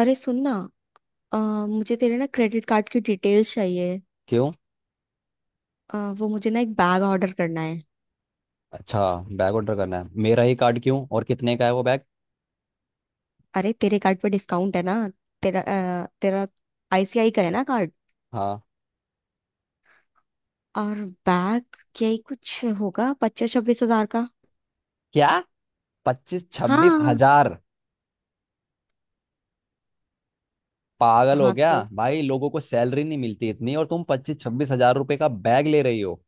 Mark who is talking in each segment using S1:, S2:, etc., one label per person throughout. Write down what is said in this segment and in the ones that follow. S1: अरे सुन ना। अ, मुझे तेरे ना क्रेडिट कार्ड की डिटेल्स चाहिए।
S2: क्यों।
S1: वो मुझे ना एक बैग ऑर्डर करना है।
S2: अच्छा। बैग ऑर्डर करना है मेरा ही कार्ड क्यों? और कितने का है वो बैग?
S1: अरे तेरे कार्ड पे डिस्काउंट है ना। तेरा तेरा आईसीआई का है ना कार्ड।
S2: हाँ।
S1: और बैग क्या ही कुछ होगा 25-26 हजार का।
S2: क्या? पच्चीस छब्बीस
S1: हाँ।
S2: हजार पागल हो
S1: हाँ
S2: गया
S1: तो।
S2: भाई। लोगों को सैलरी नहीं मिलती इतनी और तुम 25-26 हजार रुपए का बैग ले रही हो।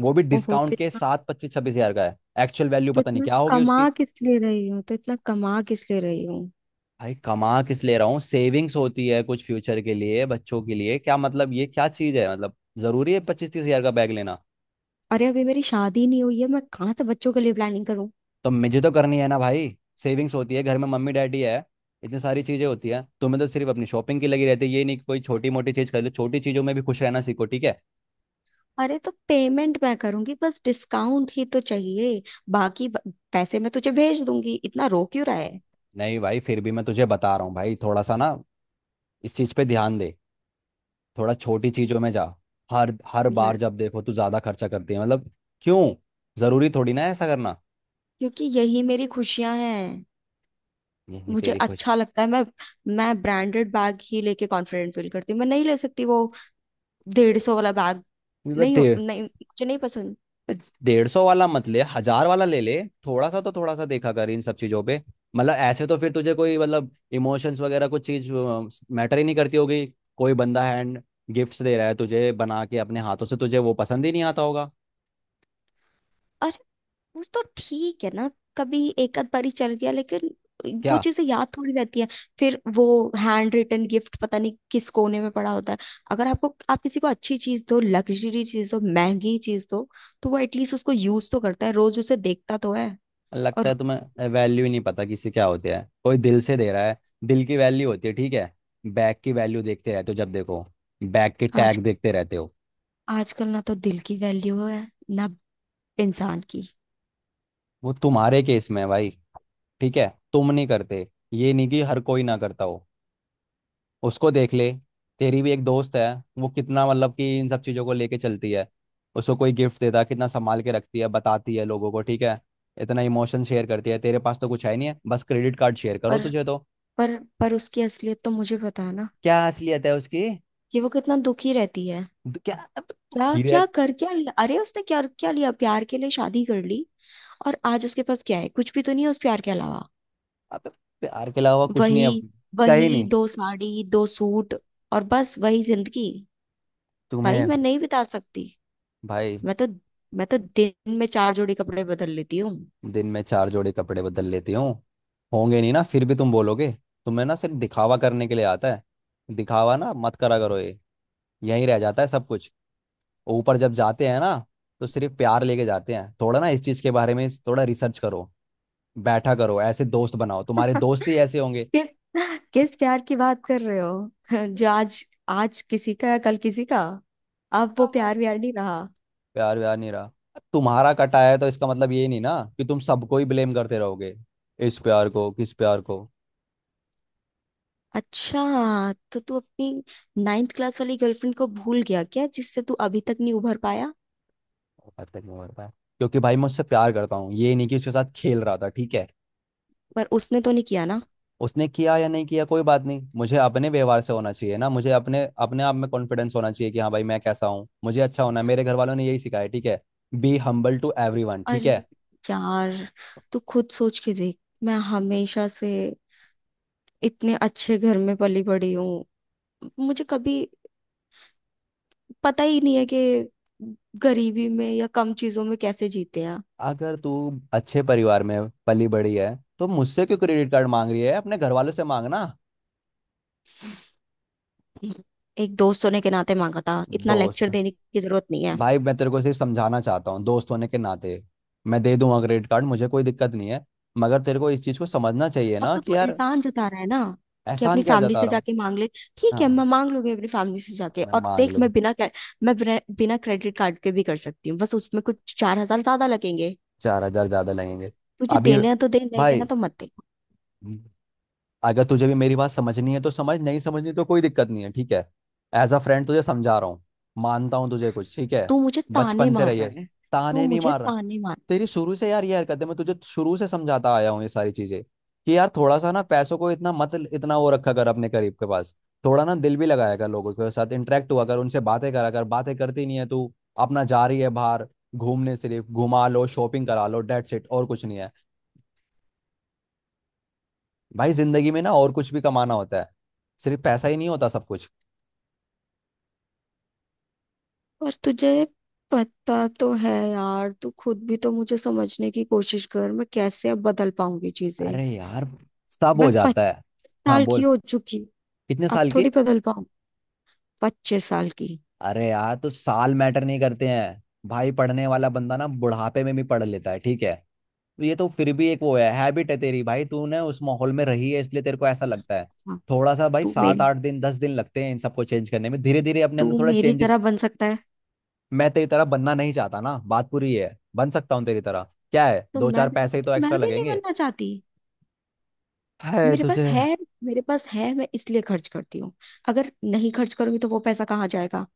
S2: वो भी
S1: ओहो तो
S2: डिस्काउंट के
S1: इतना।
S2: साथ 25-26 हजार का है। एक्चुअल वैल्यू
S1: तो
S2: पता नहीं
S1: इतना
S2: क्या होगी
S1: कमा
S2: उसकी।
S1: किस लिए रही हूँ, तो इतना कमा किस लिए रही हूँ।
S2: भाई, कमा किस ले रहा हूँ? सेविंग्स होती है कुछ फ्यूचर के लिए, बच्चों के लिए। क्या मतलब ये क्या चीज है? मतलब जरूरी है 25-30 हजार का बैग लेना?
S1: अरे अभी मेरी शादी नहीं हुई है। मैं कहाँ से बच्चों के लिए प्लानिंग करूँ?
S2: तो मुझे तो करनी है ना भाई। सेविंग्स होती है, घर में मम्मी डैडी है, इतनी सारी चीजें होती है। तुम्हें तो सिर्फ अपनी शॉपिंग की लगी रहती है। ये नहीं कि कोई छोटी मोटी चीज कर लो। छोटी चीजों में भी खुश रहना सीखो, ठीक है।
S1: अरे तो पेमेंट मैं करूंगी, बस डिस्काउंट ही तो चाहिए। बाकी पैसे मैं तुझे भेज दूंगी। इतना रो क्यों रहा है?
S2: नहीं भाई, फिर भी मैं तुझे बता रहा हूँ भाई, थोड़ा सा ना इस चीज पे ध्यान दे। थोड़ा छोटी चीजों में जा। हर हर बार
S1: यार,
S2: जब देखो तू ज्यादा खर्चा करती है मतलब। क्यों? जरूरी थोड़ी ना है ऐसा करना।
S1: क्योंकि यही मेरी खुशियां हैं।
S2: यही
S1: मुझे
S2: तेरी खुशी?
S1: अच्छा लगता है। मैं ब्रांडेड बैग ही लेके कॉन्फिडेंट फील करती हूँ। मैं नहीं ले सकती वो 150 वाला बैग। नहीं,
S2: बट
S1: हो नहीं, मुझे नहीं पसंद।
S2: 150 वाला मत ले, हजार वाला ले ले। थोड़ा सा तो, थोड़ा सा देखा कर इन सब चीजों पे। मतलब ऐसे तो फिर तुझे कोई मतलब इमोशंस वगैरह कुछ चीज मैटर ही नहीं करती होगी। कोई बंदा हैंड गिफ्ट्स दे रहा है तुझे बना के अपने हाथों से, तुझे वो पसंद ही नहीं आता होगा।
S1: वो तो ठीक है ना। कभी एक आध बारी चल गया, लेकिन वो
S2: क्या?
S1: चीजें याद थोड़ी रहती है। फिर वो हैंड रिटन गिफ्ट पता नहीं किस कोने में पड़ा होता है। अगर आपको आप किसी को अच्छी चीज दो, लग्जरी चीज दो, महंगी चीज दो, तो वो एटलीस्ट उसको यूज तो करता है, रोज उसे देखता तो है।
S2: लगता
S1: और
S2: है तुम्हें वैल्यू ही नहीं पता किसी क्या होती है। कोई दिल से दे रहा है, दिल की वैल्यू होती है, ठीक है। बैग की वैल्यू देखते रहते हो जब देखो, बैग के
S1: आज,
S2: टैग देखते रहते हो।
S1: आजकल ना तो दिल की वैल्यू है ना इंसान की।
S2: वो तुम्हारे केस में है भाई, ठीक है। तुम नहीं करते, ये नहीं कि हर कोई ना करता हो। उसको देख ले, तेरी भी एक दोस्त है, वो कितना मतलब कि इन सब चीज़ों को लेके चलती है। उसको कोई गिफ्ट देता है कितना संभाल के रखती है, बताती है लोगों को, ठीक है। इतना इमोशन शेयर करती है, तेरे पास तो कुछ है नहीं है, बस क्रेडिट कार्ड शेयर करो
S1: पर
S2: तुझे तो।
S1: पर उसकी असलियत तो मुझे पता है ना।
S2: क्या असलियत है उसकी?
S1: कि वो कितना दुखी रहती है।
S2: क्या अब?
S1: क्या
S2: खीरे है?
S1: क्या कर, क्या लिया? अरे उसने क्या क्या लिया? प्यार के लिए शादी कर ली। और आज उसके पास क्या है? कुछ भी तो नहीं है उस प्यार के अलावा।
S2: अब प्यार के अलावा कुछ नहीं है।
S1: वही
S2: कहीं
S1: वही
S2: नहीं।
S1: दो साड़ी दो सूट। और बस वही जिंदगी। भाई
S2: तुम्हें।
S1: मैं नहीं बिता सकती।
S2: भाई।
S1: मैं तो मैं तो दिन में चार जोड़ी कपड़े बदल लेती हूँ।
S2: दिन में चार जोड़े कपड़े बदल लेती हूँ? होंगे नहीं ना फिर भी तुम बोलोगे। तुम्हें ना सिर्फ दिखावा करने के लिए आता है। दिखावा ना मत करा करो ये, यहीं रह जाता है सब कुछ। ऊपर जब जाते हैं ना तो सिर्फ प्यार लेके जाते हैं। थोड़ा ना इस चीज के बारे में थोड़ा रिसर्च करो, बैठा करो। ऐसे दोस्त बनाओ, तुम्हारे दोस्त ही ऐसे होंगे।
S1: किस किस प्यार की बात कर रहे हो जो आज, आज किसी का, कल किसी का। अब वो
S2: प्यार
S1: प्यार व्यार नहीं रहा।
S2: व्यार नहीं रहा? तुम्हारा कटा है तो इसका मतलब ये नहीं ना कि तुम सबको ही ब्लेम करते रहोगे। इस प्यार को, किस प्यार को?
S1: अच्छा, तो तू अपनी नाइन्थ क्लास वाली गर्लफ्रेंड को भूल गया क्या, जिससे तू अभी तक नहीं उभर पाया?
S2: पता नहीं हो रहा है, क्योंकि भाई मैं उससे प्यार करता हूँ, ये नहीं कि उसके साथ खेल रहा था, ठीक है।
S1: पर उसने तो नहीं किया ना।
S2: उसने किया या नहीं किया कोई बात नहीं, मुझे अपने व्यवहार से होना चाहिए ना। मुझे अपने अपने आप में कॉन्फिडेंस होना चाहिए कि हाँ भाई मैं कैसा हूँ, मुझे अच्छा होना है। मेरे घर वालों ने यही सिखाया है, ठीक है। बी हम्बल टू एवरीवन, ठीक
S1: अरे
S2: है।
S1: यार तू खुद सोच के देख। मैं हमेशा से इतने अच्छे घर में पली बड़ी हूँ। मुझे कभी पता ही नहीं है कि गरीबी में या कम चीजों में कैसे जीते हैं।
S2: अगर तू अच्छे परिवार में पली बड़ी है तो मुझसे क्यों क्रेडिट कार्ड मांग रही है? अपने घर वालों से मांगना।
S1: एक दोस्तों ने के नाते मांगा था, इतना
S2: दोस्त?
S1: लेक्चर देने की जरूरत नहीं है।
S2: भाई मैं तेरे को सिर्फ समझाना चाहता हूँ दोस्त होने के नाते। मैं दे दूंगा क्रेडिट कार्ड, मुझे कोई दिक्कत नहीं है, मगर तेरे को इस चीज को समझना चाहिए
S1: अब
S2: ना
S1: तो
S2: कि
S1: तू
S2: यार।
S1: एहसान जता रहा है ना, कि अपनी
S2: एहसान किया
S1: फैमिली
S2: जाता
S1: से
S2: रहा हूँ?
S1: जाके मांग ले। ठीक है, मैं
S2: हाँ,
S1: मांग लूंगी अपनी फैमिली से जाके,
S2: मैं
S1: और
S2: मांग
S1: देख,
S2: लूँ।
S1: मैं बिना मैं बिना बिना क्रेडिट कार्ड के भी कर सकती हूँ। बस उसमें कुछ 4 हजार ज्यादा लगेंगे।
S2: 4,000 ज्यादा लगेंगे?
S1: तुझे
S2: अभी
S1: देना है तो दे, नहीं देना
S2: भाई,
S1: तो मत दे।
S2: अगर तुझे भी मेरी बात समझनी है तो समझ, नहीं समझनी तो कोई दिक्कत नहीं है, ठीक है। एज अ फ्रेंड तुझे समझा रहा हूँ। मानता हूँ तुझे कुछ ठीक है
S1: तू मुझे ताने
S2: बचपन से
S1: मार
S2: रही
S1: रहा
S2: है।
S1: है। तू
S2: ताने नहीं
S1: मुझे
S2: मार रहा।
S1: ताने मार।
S2: तेरी शुरू से यार ये हरकत है, मैं तुझे शुरू से समझाता आया हूँ ये सारी चीजें। कि यार थोड़ा सा ना पैसों को इतना मत, इतना वो रखा कर अपने करीब के पास। थोड़ा ना दिल भी लगाया कर, लोगों के साथ इंटरेक्ट हुआ कर, उनसे बातें करा कर। बातें करती नहीं है तू, अपना जा रही है बाहर घूमने, सिर्फ घुमा लो शॉपिंग करा लो, डेट्स इट, और कुछ नहीं है। भाई जिंदगी में ना और कुछ भी कमाना होता है, सिर्फ पैसा ही नहीं होता सब कुछ।
S1: और तुझे पता तो है यार। तू खुद भी तो मुझे समझने की कोशिश कर। मैं कैसे अब बदल पाऊंगी चीजें।
S2: अरे यार, सब
S1: मैं
S2: हो
S1: पच्चीस
S2: जाता है। हाँ
S1: साल की
S2: बोल।
S1: हो चुकी।
S2: कितने
S1: अब
S2: साल की?
S1: थोड़ी बदल पाऊं, 25 साल की।
S2: अरे यार, तो साल मैटर नहीं करते हैं भाई। पढ़ने वाला बंदा ना बुढ़ापे में भी पढ़ लेता है, ठीक है। तो ये तो फिर भी एक वो है, हैबिट है तेरी भाई, तूने उस माहौल में रही है इसलिए तेरे को ऐसा लगता है।
S1: हाँ।
S2: थोड़ा सा भाई,
S1: तू
S2: सात
S1: मेरी
S2: आठ दिन 10 दिन लगते हैं इन सबको चेंज करने में। धीरे धीरे अपने
S1: तू
S2: अंदर थोड़ा
S1: मेरी
S2: चेंजेस।
S1: तरह बन सकता है।
S2: मैं तेरी तरह बनना नहीं चाहता ना, बात पूरी है। बन सकता हूँ तेरी तरह, क्या है,
S1: तो
S2: दो
S1: मैं
S2: चार
S1: भी
S2: पैसे ही
S1: तो
S2: तो
S1: मैं
S2: एक्स्ट्रा
S1: भी नहीं
S2: लगेंगे।
S1: बनना चाहती।
S2: है
S1: मेरे पास
S2: तुझे।
S1: है मेरे पास है। मैं इसलिए खर्च करती हूँ। अगर नहीं खर्च करूंगी तो वो पैसा कहाँ जाएगा?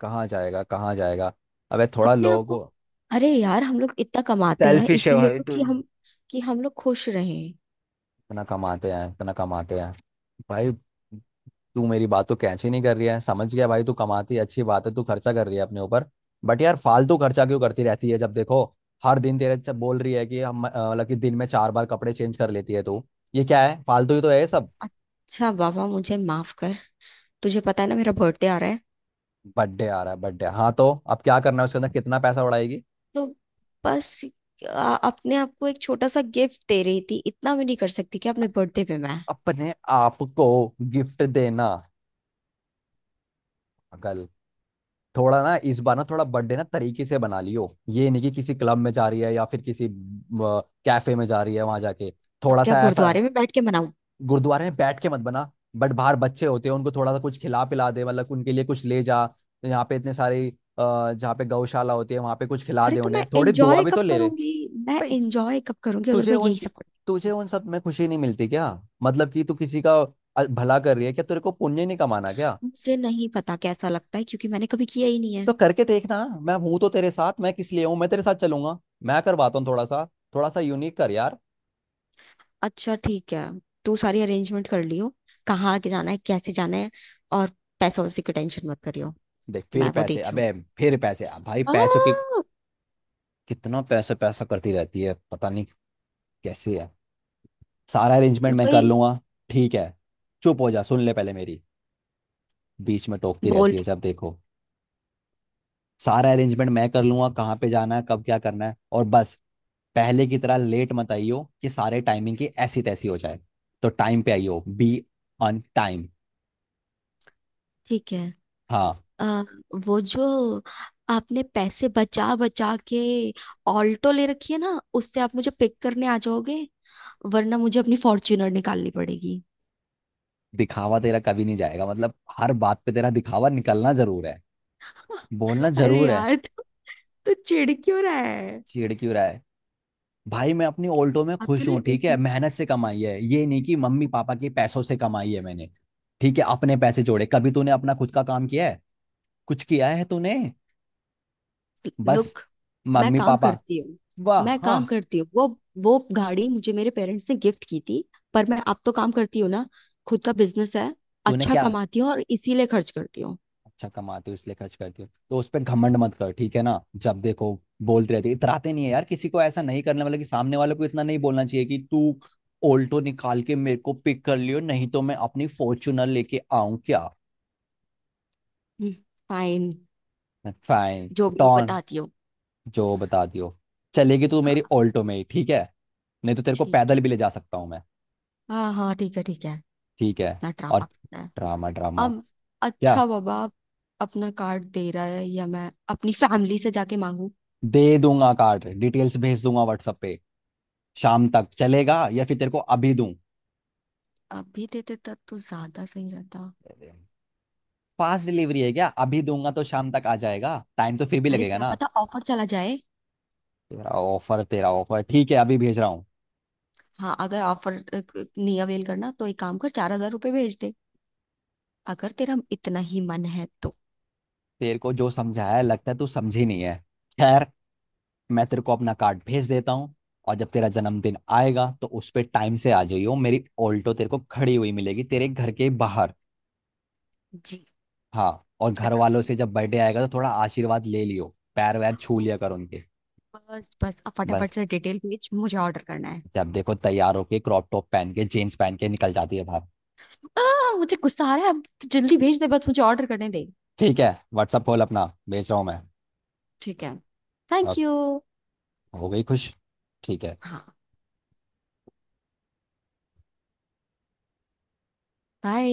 S2: कहाँ जाएगा? कहाँ जाएगा? अबे, थोड़ा
S1: अपने
S2: लोगों
S1: आप को।
S2: को।
S1: अरे यार हम लोग इतना कमाते हैं
S2: सेल्फिश है
S1: इसीलिए
S2: भाई
S1: तो,
S2: तुम।
S1: कि हम लोग खुश रहें।
S2: इतना कमाते हैं, इतना कमाते हैं। भाई, तू मेरी बात तो कैच ही नहीं कर रही है। समझ गया भाई, तू कमाती है अच्छी बात है, तू खर्चा कर रही है अपने ऊपर, बट यार फालतू खर्चा क्यों करती रहती है जब देखो। हर दिन तेरे से बोल रही है कि मतलब कि दिन में चार बार कपड़े चेंज कर लेती है तू। ये क्या है? फालतू ही तो है ये सब।
S1: अच्छा बाबा, मुझे माफ कर। तुझे पता है ना मेरा बर्थडे आ रहा है।
S2: बर्थडे आ रहा है, बर्थडे हाँ। तो अब क्या करना है उसके अंदर, कितना पैसा उड़ाएगी?
S1: तो बस अपने आप को एक छोटा सा गिफ्ट दे रही थी। इतना भी नहीं कर सकती कि अपने बर्थडे पे मैं।
S2: अपने आप को गिफ्ट देना, पागल। थोड़ा ना इस बार ना, थोड़ा बर्थडे ना तरीके से बना लियो, ये नहीं कि किसी क्लब में जा रही है या फिर किसी कैफे में जा रही है वहां जाके
S1: तो
S2: थोड़ा
S1: क्या
S2: सा ऐसा।
S1: गुरुद्वारे में बैठ के मनाऊं?
S2: गुरुद्वारे में बैठ के मत बना। बट बाहर बच्चे होते हैं उनको थोड़ा सा कुछ खिला पिला दे, मतलब उनके लिए कुछ ले जा। यहाँ पे इतने सारे जहाँ पे गौशाला होती है वहां पे कुछ खिला
S1: अरे
S2: दे
S1: तो मैं
S2: उन्हें, थोड़ी दुआ
S1: एंजॉय
S2: भी तो
S1: कब
S2: ले ले।
S1: करूंगी? मैं
S2: भाई
S1: एंजॉय कब करूंगी अगर
S2: तुझे
S1: मैं
S2: उन
S1: यही सब करती
S2: तुझे
S1: हूँ।
S2: उन सब में खुशी नहीं मिलती क्या? मतलब कि तू किसी का भला कर रही है क्या, तेरे को पुण्य नहीं कमाना क्या?
S1: मुझे नहीं पता कैसा लगता है, क्योंकि मैंने कभी किया ही नहीं है।
S2: तो करके देखना, मैं हूं तो तेरे साथ, मैं किस लिए हूं, मैं तेरे साथ चलूंगा। मैं करवाता हूँ थोड़ा सा यूनिक कर यार।
S1: अच्छा ठीक है, तू सारी अरेंजमेंट कर लियो। कहाँ आगे जाना है, कैसे जाना है, और पैसा, उसी की टेंशन मत करियो।
S2: देख फिर
S1: मैं वो
S2: पैसे,
S1: देख लूँ।
S2: अबे फिर पैसे अब, भाई
S1: आ,
S2: पैसों की कितना पैसा पैसा करती रहती है पता नहीं कैसे है। सारा अरेंजमेंट मैं कर
S1: वही
S2: लूंगा, ठीक है। चुप हो जा, सुन ले पहले मेरी, बीच में टोकती
S1: बोल।
S2: रहती है जब देखो। सारा अरेंजमेंट मैं कर लूंगा, कहाँ पे जाना है, कब क्या करना है, और बस पहले की तरह लेट मत आइयो कि सारे टाइमिंग की ऐसी तैसी हो जाए। तो टाइम पे आइयो, बी ऑन टाइम।
S1: ठीक है।
S2: हाँ।
S1: आ, वो जो आपने पैसे बचा बचा के ऑल्टो ले रखी है ना, उससे आप मुझे पिक करने आ जाओगे, वरना मुझे अपनी फॉर्च्यूनर निकालनी पड़ेगी।
S2: दिखावा तेरा कभी नहीं जाएगा मतलब। हर बात पे तेरा दिखावा निकलना जरूर है, बोलना
S1: अरे
S2: जरूर है।
S1: यार तू तो चिढ़ क्यों रहा है?
S2: चिढ़ क्यों रहा है? भाई मैं अपनी ऑल्टो में
S1: अब
S2: खुश
S1: तूने
S2: हूँ,
S1: एक
S2: ठीक है, मेहनत से कमाई है, ये नहीं कि मम्मी पापा के पैसों से कमाई है मैंने। ठीक है, अपने पैसे जोड़े। कभी तूने अपना खुद का काम किया है? कुछ किया है तूने? बस
S1: लुक, मैं
S2: मम्मी
S1: काम
S2: पापा।
S1: करती हूँ।
S2: वाह, हाँ।
S1: वो गाड़ी मुझे मेरे पेरेंट्स ने गिफ्ट की थी। पर मैं अब तो काम करती हूँ ना। खुद का बिजनेस है।
S2: तूने
S1: अच्छा
S2: क्या।
S1: कमाती हूँ और इसीलिए खर्च करती हूँ।
S2: अच्छा कमाते हो इसलिए खर्च करते हो तो उस पर घमंड मत कर, ठीक है ना। जब देखो बोलते रहते, इतराते नहीं है यार किसी को। ऐसा नहीं करने वाला कि सामने वाले को इतना नहीं बोलना चाहिए कि तू ऑल्टो निकाल के मेरे को पिक कर लियो, नहीं तो मैं अपनी फॉर्च्यूनर लेके आऊं क्या।
S1: फाइन।
S2: फाइन।
S1: जो भी हो,
S2: टॉन।
S1: बताती हूँ।
S2: जो बता दियो। चलेगी तू मेरी
S1: हाँ
S2: ऑल्टो में ही, ठीक है। नहीं तो तेरे को
S1: ठीक
S2: पैदल
S1: है।
S2: भी ले जा सकता हूँ मैं।
S1: हाँ, हाँ, ठीक है, ठीक है।
S2: ठीक है।
S1: इतना
S2: और
S1: ड्रामा करना है।
S2: Drama, drama.
S1: अब
S2: क्या?
S1: अच्छा बाबा, अपना कार्ड दे रहा है या मैं अपनी फैमिली से जाके मांगू?
S2: दे दूंगा कार्ड, डिटेल्स भेज दूंगा व्हाट्सएप पे। शाम तक चलेगा या फिर तेरे को अभी
S1: अब भी देते तब तो ज्यादा सही रहता।
S2: दूं? फास्ट डिलीवरी है क्या? अभी दूंगा तो शाम तक आ जाएगा, टाइम तो फिर भी
S1: अरे
S2: लगेगा
S1: क्या
S2: ना।
S1: पता ऑफर चला जाए।
S2: तेरा ऑफर, तेरा ऑफर ठीक है, अभी भेज रहा हूँ।
S1: हाँ, अगर ऑफर नहीं अवेल करना तो एक काम कर, 4 हजार रुपये भेज दे, अगर तेरा इतना ही मन है तो।
S2: तेरे को जो समझाया है, लगता है तू समझी नहीं है, खैर। मैं तेरे को अपना कार्ड भेज देता हूँ, और जब तेरा जन्मदिन आएगा तो उस पे टाइम से आ जाइयो, मेरी ऑल्टो तेरे को खड़ी हुई मिलेगी तेरे घर के बाहर।
S1: जी,
S2: हाँ, और घर
S1: बता
S2: वालों
S1: भाई।
S2: से जब बर्थडे आएगा तो थोड़ा आशीर्वाद ले लियो, पैर वैर छू
S1: ओ,
S2: लिया कर उनके।
S1: बस बस, अब
S2: बस,
S1: फटाफट से डिटेल भेज, मुझे ऑर्डर करना है।
S2: जब देखो तैयार होके क्रॉप टॉप पहन के जीन्स पहन के निकल जाती है बाहर।
S1: मुझे गुस्सा आ रहा है अब तो, जल्दी भेज दे, बस मुझे ऑर्डर करने दे।
S2: ठीक है, व्हाट्सअप खोल अपना, भेज रहा हूँ मैं।
S1: ठीक है। Thank
S2: Okay.
S1: यू।
S2: हो गई खुश? ठीक है।
S1: हाँ, बाय।